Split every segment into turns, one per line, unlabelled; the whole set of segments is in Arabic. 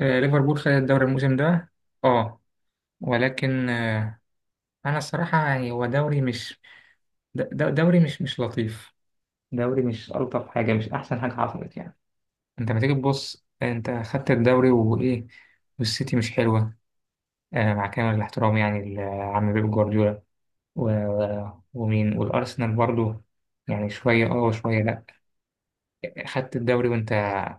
ليفربول خد الدوري الموسم ده. اه. ولكن انا الصراحه يعني هو دوري مش دوري مش لطيف. دوري مش الطف حاجه، مش احسن حاجه حصلت يعني. انت لما تيجي تبص، انت خدت الدوري وايه؟ والسيتي مش حلوه. مع كامل الاحترام يعني لعم بيب جوارديولا ومين، والارسنال برضو. يعني شويه اه وشويه لا. خدت الدوري وانت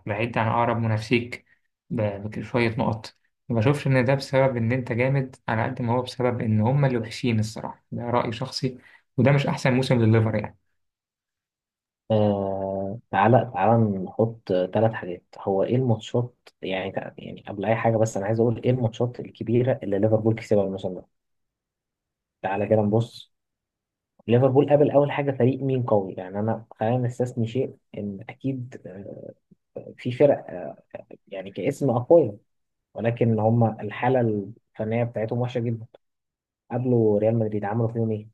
بعيد عن اقرب منافسيك بشويه نقط. ما بشوفش ان ده بسبب ان انت جامد على قد ما هو بسبب ان هما اللي وحشين، الصراحه ده راي شخصي. وده مش احسن موسم لليفر يعني.
تعالى تعالى نحط ثلاث حاجات، هو ايه الماتشات؟ يعني قبل اي حاجه بس انا عايز اقول ايه الماتشات الكبيره اللي ليفربول كسبها الموسم ده. تعالى كده نبص. ليفربول قابل اول حاجه فريق مين قوي؟ يعني انا خلينا نستثني شيء ان اكيد في فرق يعني كاسم اقوياء، ولكن هم الحاله الفنيه بتاعتهم وحشه جدا. قابلوا ريال مدريد، عملوا فيهم ايه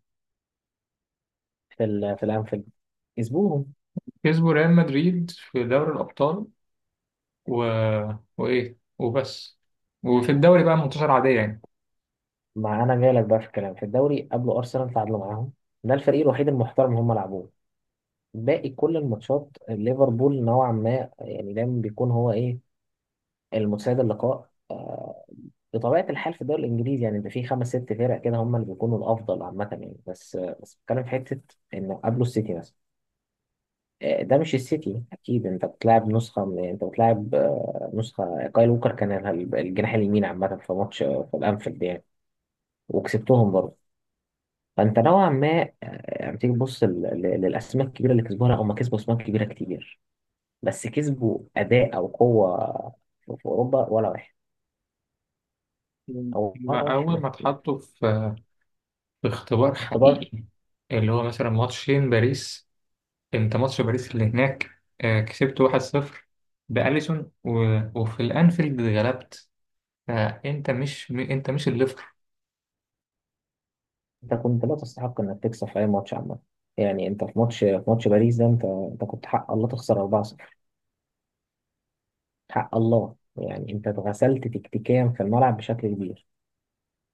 في الانفيلد؟ كسبوهم.
كسبوا ريال مدريد في دوري الابطال و... وايه وبس. وفي الدوري بقى منتصر عاديه يعني.
ما انا جاي لك بقى في الكلام، في الدوري قابلوا ارسنال، تعادلوا معاهم. ده الفريق الوحيد المحترم هم لعبوه. باقي كل الماتشات ليفربول نوعا ما يعني دايما بيكون هو ايه، المتسيد اللقاء. بطبيعة الحال في الدوري الإنجليزي يعني ده في خمس ست فرق كده هم اللي بيكونوا الأفضل عامة، يعني بس بس بتكلم في حتة إنه قبله السيتي مثلا. ده مش السيتي أكيد. أنت بتلعب نسخة من، أنت بتلعب نسخة كايل ووكر كان الجناح اليمين عامة في ماتش في الأنفيلد يعني، وكسبتهم برضه. فأنت نوعا ما يعني تيجي تبص للأسماء الكبيرة اللي كسبوها، لا هم كسبوا أسماء كبيرة كتير، بس كسبوا اداء او قوه في اوروبا ولا واحد، او ولا
ما أول
واحد.
ما اتحطوا في اختبار
اختبار.
حقيقي، اللي هو مثلا ماتشين باريس. انت ماتش باريس اللي هناك، كسبت 1-0 بأليسون، وفي الانفيلد غلبت. فانت مش م- انت مش الليفر.
انت كنت لا تستحق انك تكسب في اي ماتش عامه. يعني انت في ماتش، في ماتش باريس ده انت كنت حق الله تخسر 4-0. حق الله. يعني انت اتغسلت تكتيكيا في الملعب بشكل كبير.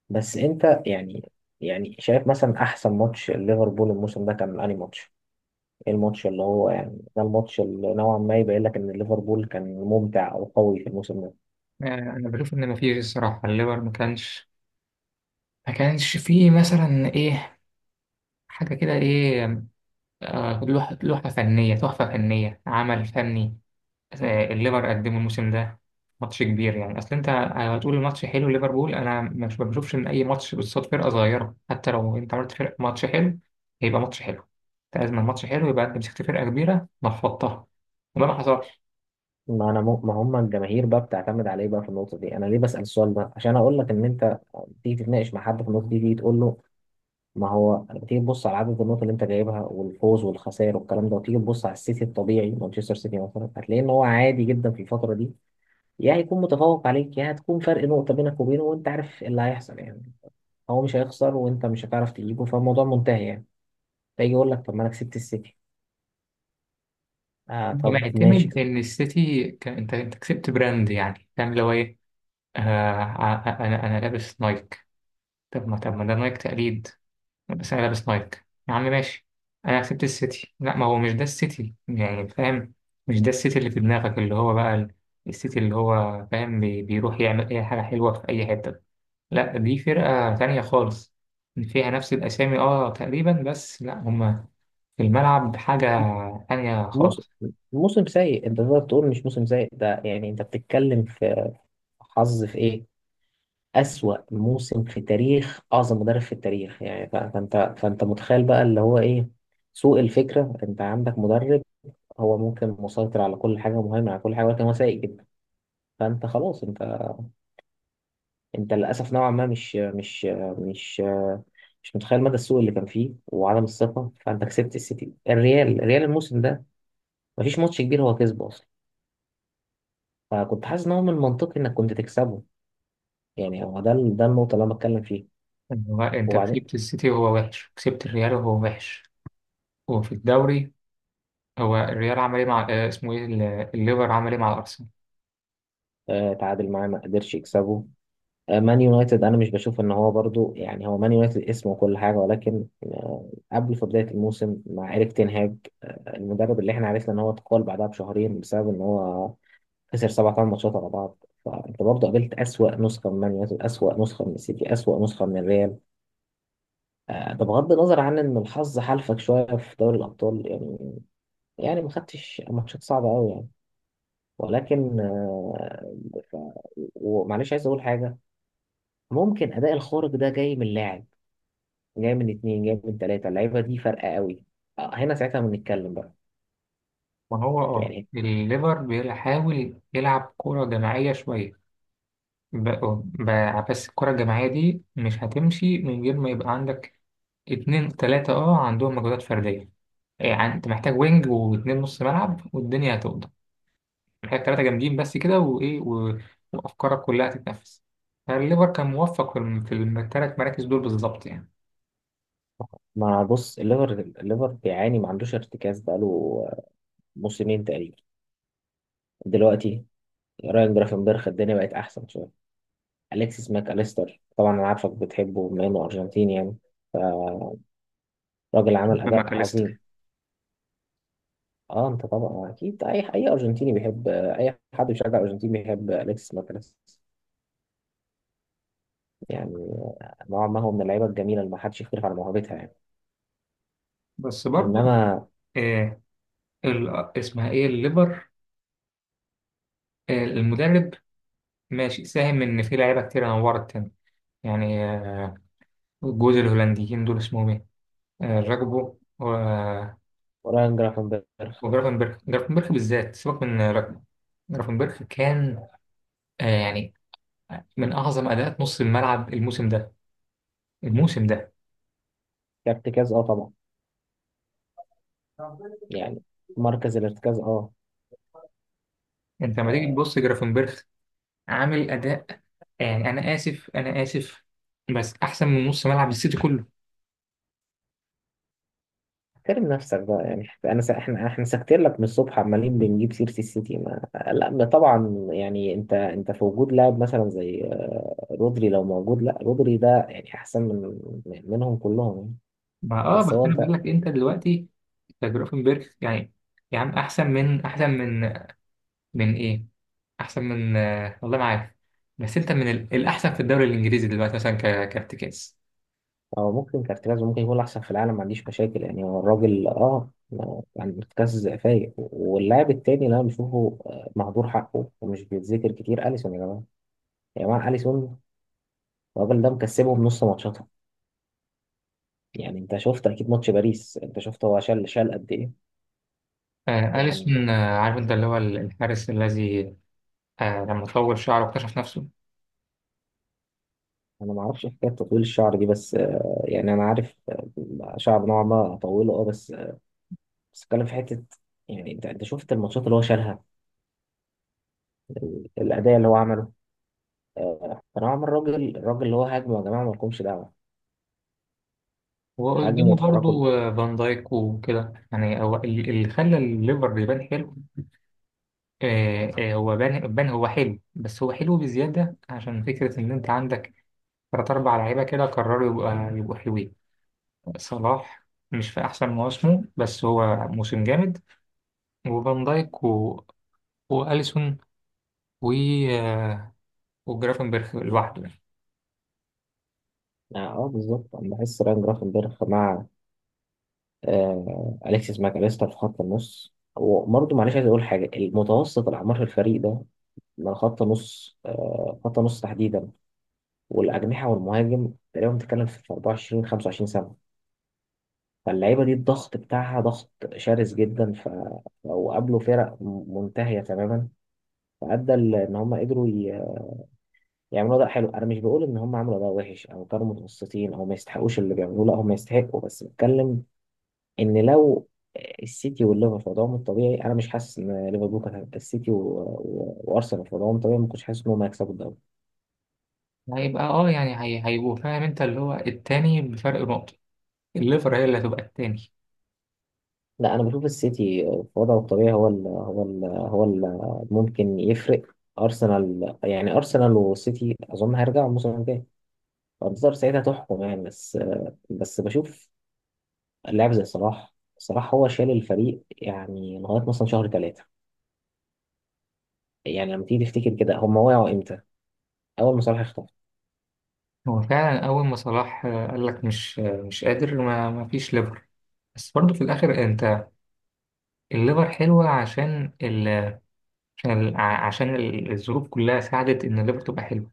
بس انت يعني، يعني شايف مثلا احسن ماتش ليفربول الموسم ده كان انهي ماتش؟ ايه الماتش اللي هو يعني ده الماتش اللي نوعا ما يبين لك ان ليفربول كان ممتع او قوي في الموسم ده؟
انا بشوف ان مفيش الصراحه الليفر ما كانش فيه مثلا ايه، حاجه كده، ايه، لوحه فنيه، تحفه فنيه، عمل فني، الليفر قدمه الموسم ده. ماتش كبير يعني، اصل انت هتقول الماتش حلو ليفربول. انا مش ما بشوفش ان اي ماتش قصاد فرقه صغيره، حتى لو انت عملت فرق ماتش حلو، هيبقى ماتش حلو. انت لازم الماتش حلو يبقى انت مسكت فرقه كبيره نفضتها. وده ما حصلش.
ما انا مو... ما هم الجماهير بقى بتعتمد عليه بقى في النقطه دي. انا ليه بسال السؤال ده؟ عشان اقول لك ان انت تيجي تتناقش مع حد في النقطه دي، تيجي تقول له ما هو تيجي تبص على عدد النقط اللي انت جايبها والفوز والخسائر والكلام ده، وتيجي تبص على السيتي الطبيعي، مانشستر سيتي مثلا، هتلاقي ان هو عادي جدا في الفتره دي. يا هيكون متفوق عليك، يا هتكون فرق نقطه بينك وبينه، وانت عارف اللي هيحصل يعني. هو مش هيخسر وانت مش هتعرف تجيبه، فالموضوع منتهي يعني. فيجي يقول لك طب ما انا كسبت السيتي. آه طب ماشي.
فمعتمد ان السيتي انت كسبت براند، يعني فاهم اللي هو ايه؟ انا لابس نايك. طب ما ده نايك تقليد. بس انا لابس نايك يا عم ماشي. انا كسبت السيتي. لا، ما هو مش ده السيتي يعني فاهم. مش ده السيتي اللي في دماغك، اللي هو بقى السيتي، اللي هو فاهم بيروح يعمل اي حاجه حلوه في اي حته. لا، دي فرقه تانية خالص، فيها نفس الاسامي اه تقريبا، بس لا هما في الملعب حاجه تانية
موسم
خالص.
موسم سيء. انت تقدر تقول مش موسم سيء ده؟ يعني انت بتتكلم في حظ في ايه، اسوأ موسم في تاريخ اعظم مدرب في التاريخ يعني. فانت متخيل بقى اللي هو ايه، سوء الفكرة. انت عندك مدرب هو ممكن مسيطر على كل حاجة مهمة، على كل حاجة، ولكن هو سيء جدا. فانت خلاص، انت، انت للاسف نوعا ما مش مش متخيل مدى السوء اللي كان فيه وعدم الثقة. فانت كسبت السيتي، الريال الموسم ده مفيش ماتش كبير هو كسبه، فكنت حاسس ان هو من المنطقي انك كنت تكسبه. يعني هو ده ده النقطه اللي انا بتكلم فيها.
هو انت
وبعدين
كسبت السيتي وهو وحش، كسبت الريال وهو وحش، وفي الدوري هو الريال عمل ايه مع اسمه ايه الليفر عمل ايه مع الارسنال؟
آه تعادل معاه، ما قدرش يكسبه. آه مان يونايتد انا مش بشوف ان هو برضو يعني، هو مان يونايتد اسم وكل حاجه، ولكن آه قبل في بدايه الموسم مع ايريك تين هاج، آه المدرب اللي احنا عرفنا ان هو اتقال بعدها بشهرين بسبب ان هو خسر سبع ثمان ماتشات على بعض، فانت برضه قابلت اسوأ نسخه من مان يونايتد، اسوأ نسخه من السيتي، اسوأ نسخه من الريال. ده بغض النظر عن ان الحظ حالفك شويه في دوري الابطال يعني، يعني ما خدتش ماتشات صعبة قوي يعني. ولكن آه، ف... ومعلش عايز اقول حاجة، ممكن اداء الخارق ده جاي من لاعب، جاي من اتنين، جاي من تلاتة. اللعيبة دي فارقة قوي. هنا ساعتها بنتكلم بقى
ما هو اه
يعني.
الليفر بيحاول يلعب كرة جماعية شوية، ب... ب... بس الكرة الجماعية دي مش هتمشي من غير ما يبقى عندك 2 3 اه عندهم مجهودات فردية. يعني انت محتاج وينج واتنين نص ملعب والدنيا هتقضى. محتاج 3 جامدين بس كده وايه وافكارك كلها تتنفس. فالليفر كان موفق في ال3 مراكز دول بالظبط يعني.
ما بص، الليفر بيعاني، ما عندوش ارتكاز بقاله آه، موسمين تقريبا. دلوقتي رايان جرافنبرخ الدنيا بقت احسن شويه. اليكسيس ماك اليستر طبعا انا عارفك بتحبه بما انه ارجنتيني يعني، راجل عمل اداء عظيم.
بماكاليستر
اه انت طبعا اكيد اي، اي ارجنتيني بيحب اي حد بيشجع ارجنتين بيحب اليكس ماكاليستر يعني. نوعا ما هو من اللعيبه الجميله اللي ما حدش يختلف على موهبتها يعني.
بس برضو.
انما
آه ال... اسمها ايه الليفر، المدرب ماشي، ساهم ان في لعيبه كتير نورت تاني يعني. الجوز الهولنديين دول اسمهم ايه؟ راجبو
رايان جرافنبرخ
وجرافنبرخ. جرافنبرخ بالذات، سيبك من راجبو. جرافنبرخ كان يعني من اعظم اداءات نص الملعب الموسم ده، الموسم ده.
كارتكاز اه طبعا يعني، مركز الارتكاز اه.
انت لما تيجي
آه،
تبص جرافنبرخ عامل اداء، يعني انا اسف انا اسف، بس احسن من نص ملعب السيتي كله.
احترم نفسك بقى يعني. احنا ساكتين لك من الصبح عمالين بنجيب سيره السيتي. ما... لا ما طبعا يعني، انت في وجود لاعب مثلا زي رودري لو موجود، لا رودري ده يعني احسن منهم كلهم يعني.
ما
بس
بس
هو
انا
انت،
بقول لك انت دلوقتي، أنت جرافنبرخ يعني احسن من من ايه، احسن من والله ما عارف. بس انت من الاحسن في الدوري الانجليزي دلوقتي مثلا كارتكاز.
هو ممكن كارتياز ممكن يكون احسن في العالم، ما عنديش مشاكل يعني، هو الراجل اه يعني كاس فايق. واللاعب التاني اللي انا بشوفه مهدور حقه ومش بيتذكر كتير، اليسون يا جماعه، يا جماعه اليسون. الراجل ده مكسبهم نص ماتشاتهم. يعني انت شفت اكيد ماتش باريس، انت شفت هو شال، شال قد ايه. يعني
اليسون، عارف انت اللي هو الحارس الذي لما طول شعره واكتشف نفسه.
انا ما اعرفش حكايه تطويل الشعر دي بس يعني انا عارف شعر نوعا ما اطوله اه، بس بس اتكلم في حته. يعني انت شفت الماتشات اللي هو شالها، الاداء اللي هو عمله. فنوعا ما الراجل، الراجل اللي هو هاجمه يا جماعه ما لكمش دعوه. هاجمه
وقدامه
وتحركوا
برضو فان دايك وكده، يعني هو اللي خلى الليفر يبان حلو. هو بان، هو حلو، بس هو حلو بزياده عشان فكره ان انت عندك 3 4 لعيبه كده قرروا يبقى يبقوا حلوين. صلاح مش في احسن مواسمه بس هو موسم جامد. وفان دايك، واليسون، و وجرافنبرخ لوحده.
اه. بالظبط انا بحس راين جرافنبرخ مع اليكسيس ماكاليستر في خط النص. وبرضه معلش عايز اقول حاجه، المتوسط الاعمار في الفريق ده، من خط نص خط نص تحديدا والاجنحه والمهاجم، تقريبا بتتكلم في 24 25 سنه. فاللعيبه دي الضغط بتاعها ضغط شرس جدا. وقابلوا فرق منتهيه تماما، فادى ان هم قدروا يعملوا اداء حلو. انا مش بقول ان هم عملوا اداء وحش او كانوا متوسطين او ما يستحقوش اللي بيعملوه، لا هم يستحقوا، بس بتكلم ان لو السيتي والليفر في وضعهم الطبيعي، انا مش حاسس ان ليفربول كانت هتبقى، السيتي وارسنال في وضعهم الطبيعي، ما كنتش حاسس ان هم هيكسبوا الدوري.
يعني هيبقى يعني هيبقوا فاهم انت اللي هو التاني بفرق نقطة. الليفر هي اللي هتبقى التاني.
لا، انا بشوف السيتي في وضعه الطبيعي هو ممكن يفرق ارسنال يعني. ارسنال والسيتي اظن هيرجعوا الموسم الجاي، فانتظار ساعتها تحكم يعني. بس بس بشوف لاعب زي صلاح، صلاح هو شال الفريق يعني لغايه مثلا شهر ثلاثه. يعني لما تيجي تفتكر كده، هم وقعوا امتى؟ اول ما صلاح اختفى.
هو فعلا أول ما صلاح قال لك مش قادر، ما فيش ليفر. بس برضه في الآخر، أنت الليفر حلوة، عشان الظروف كلها ساعدت إن الليفر تبقى حلوة.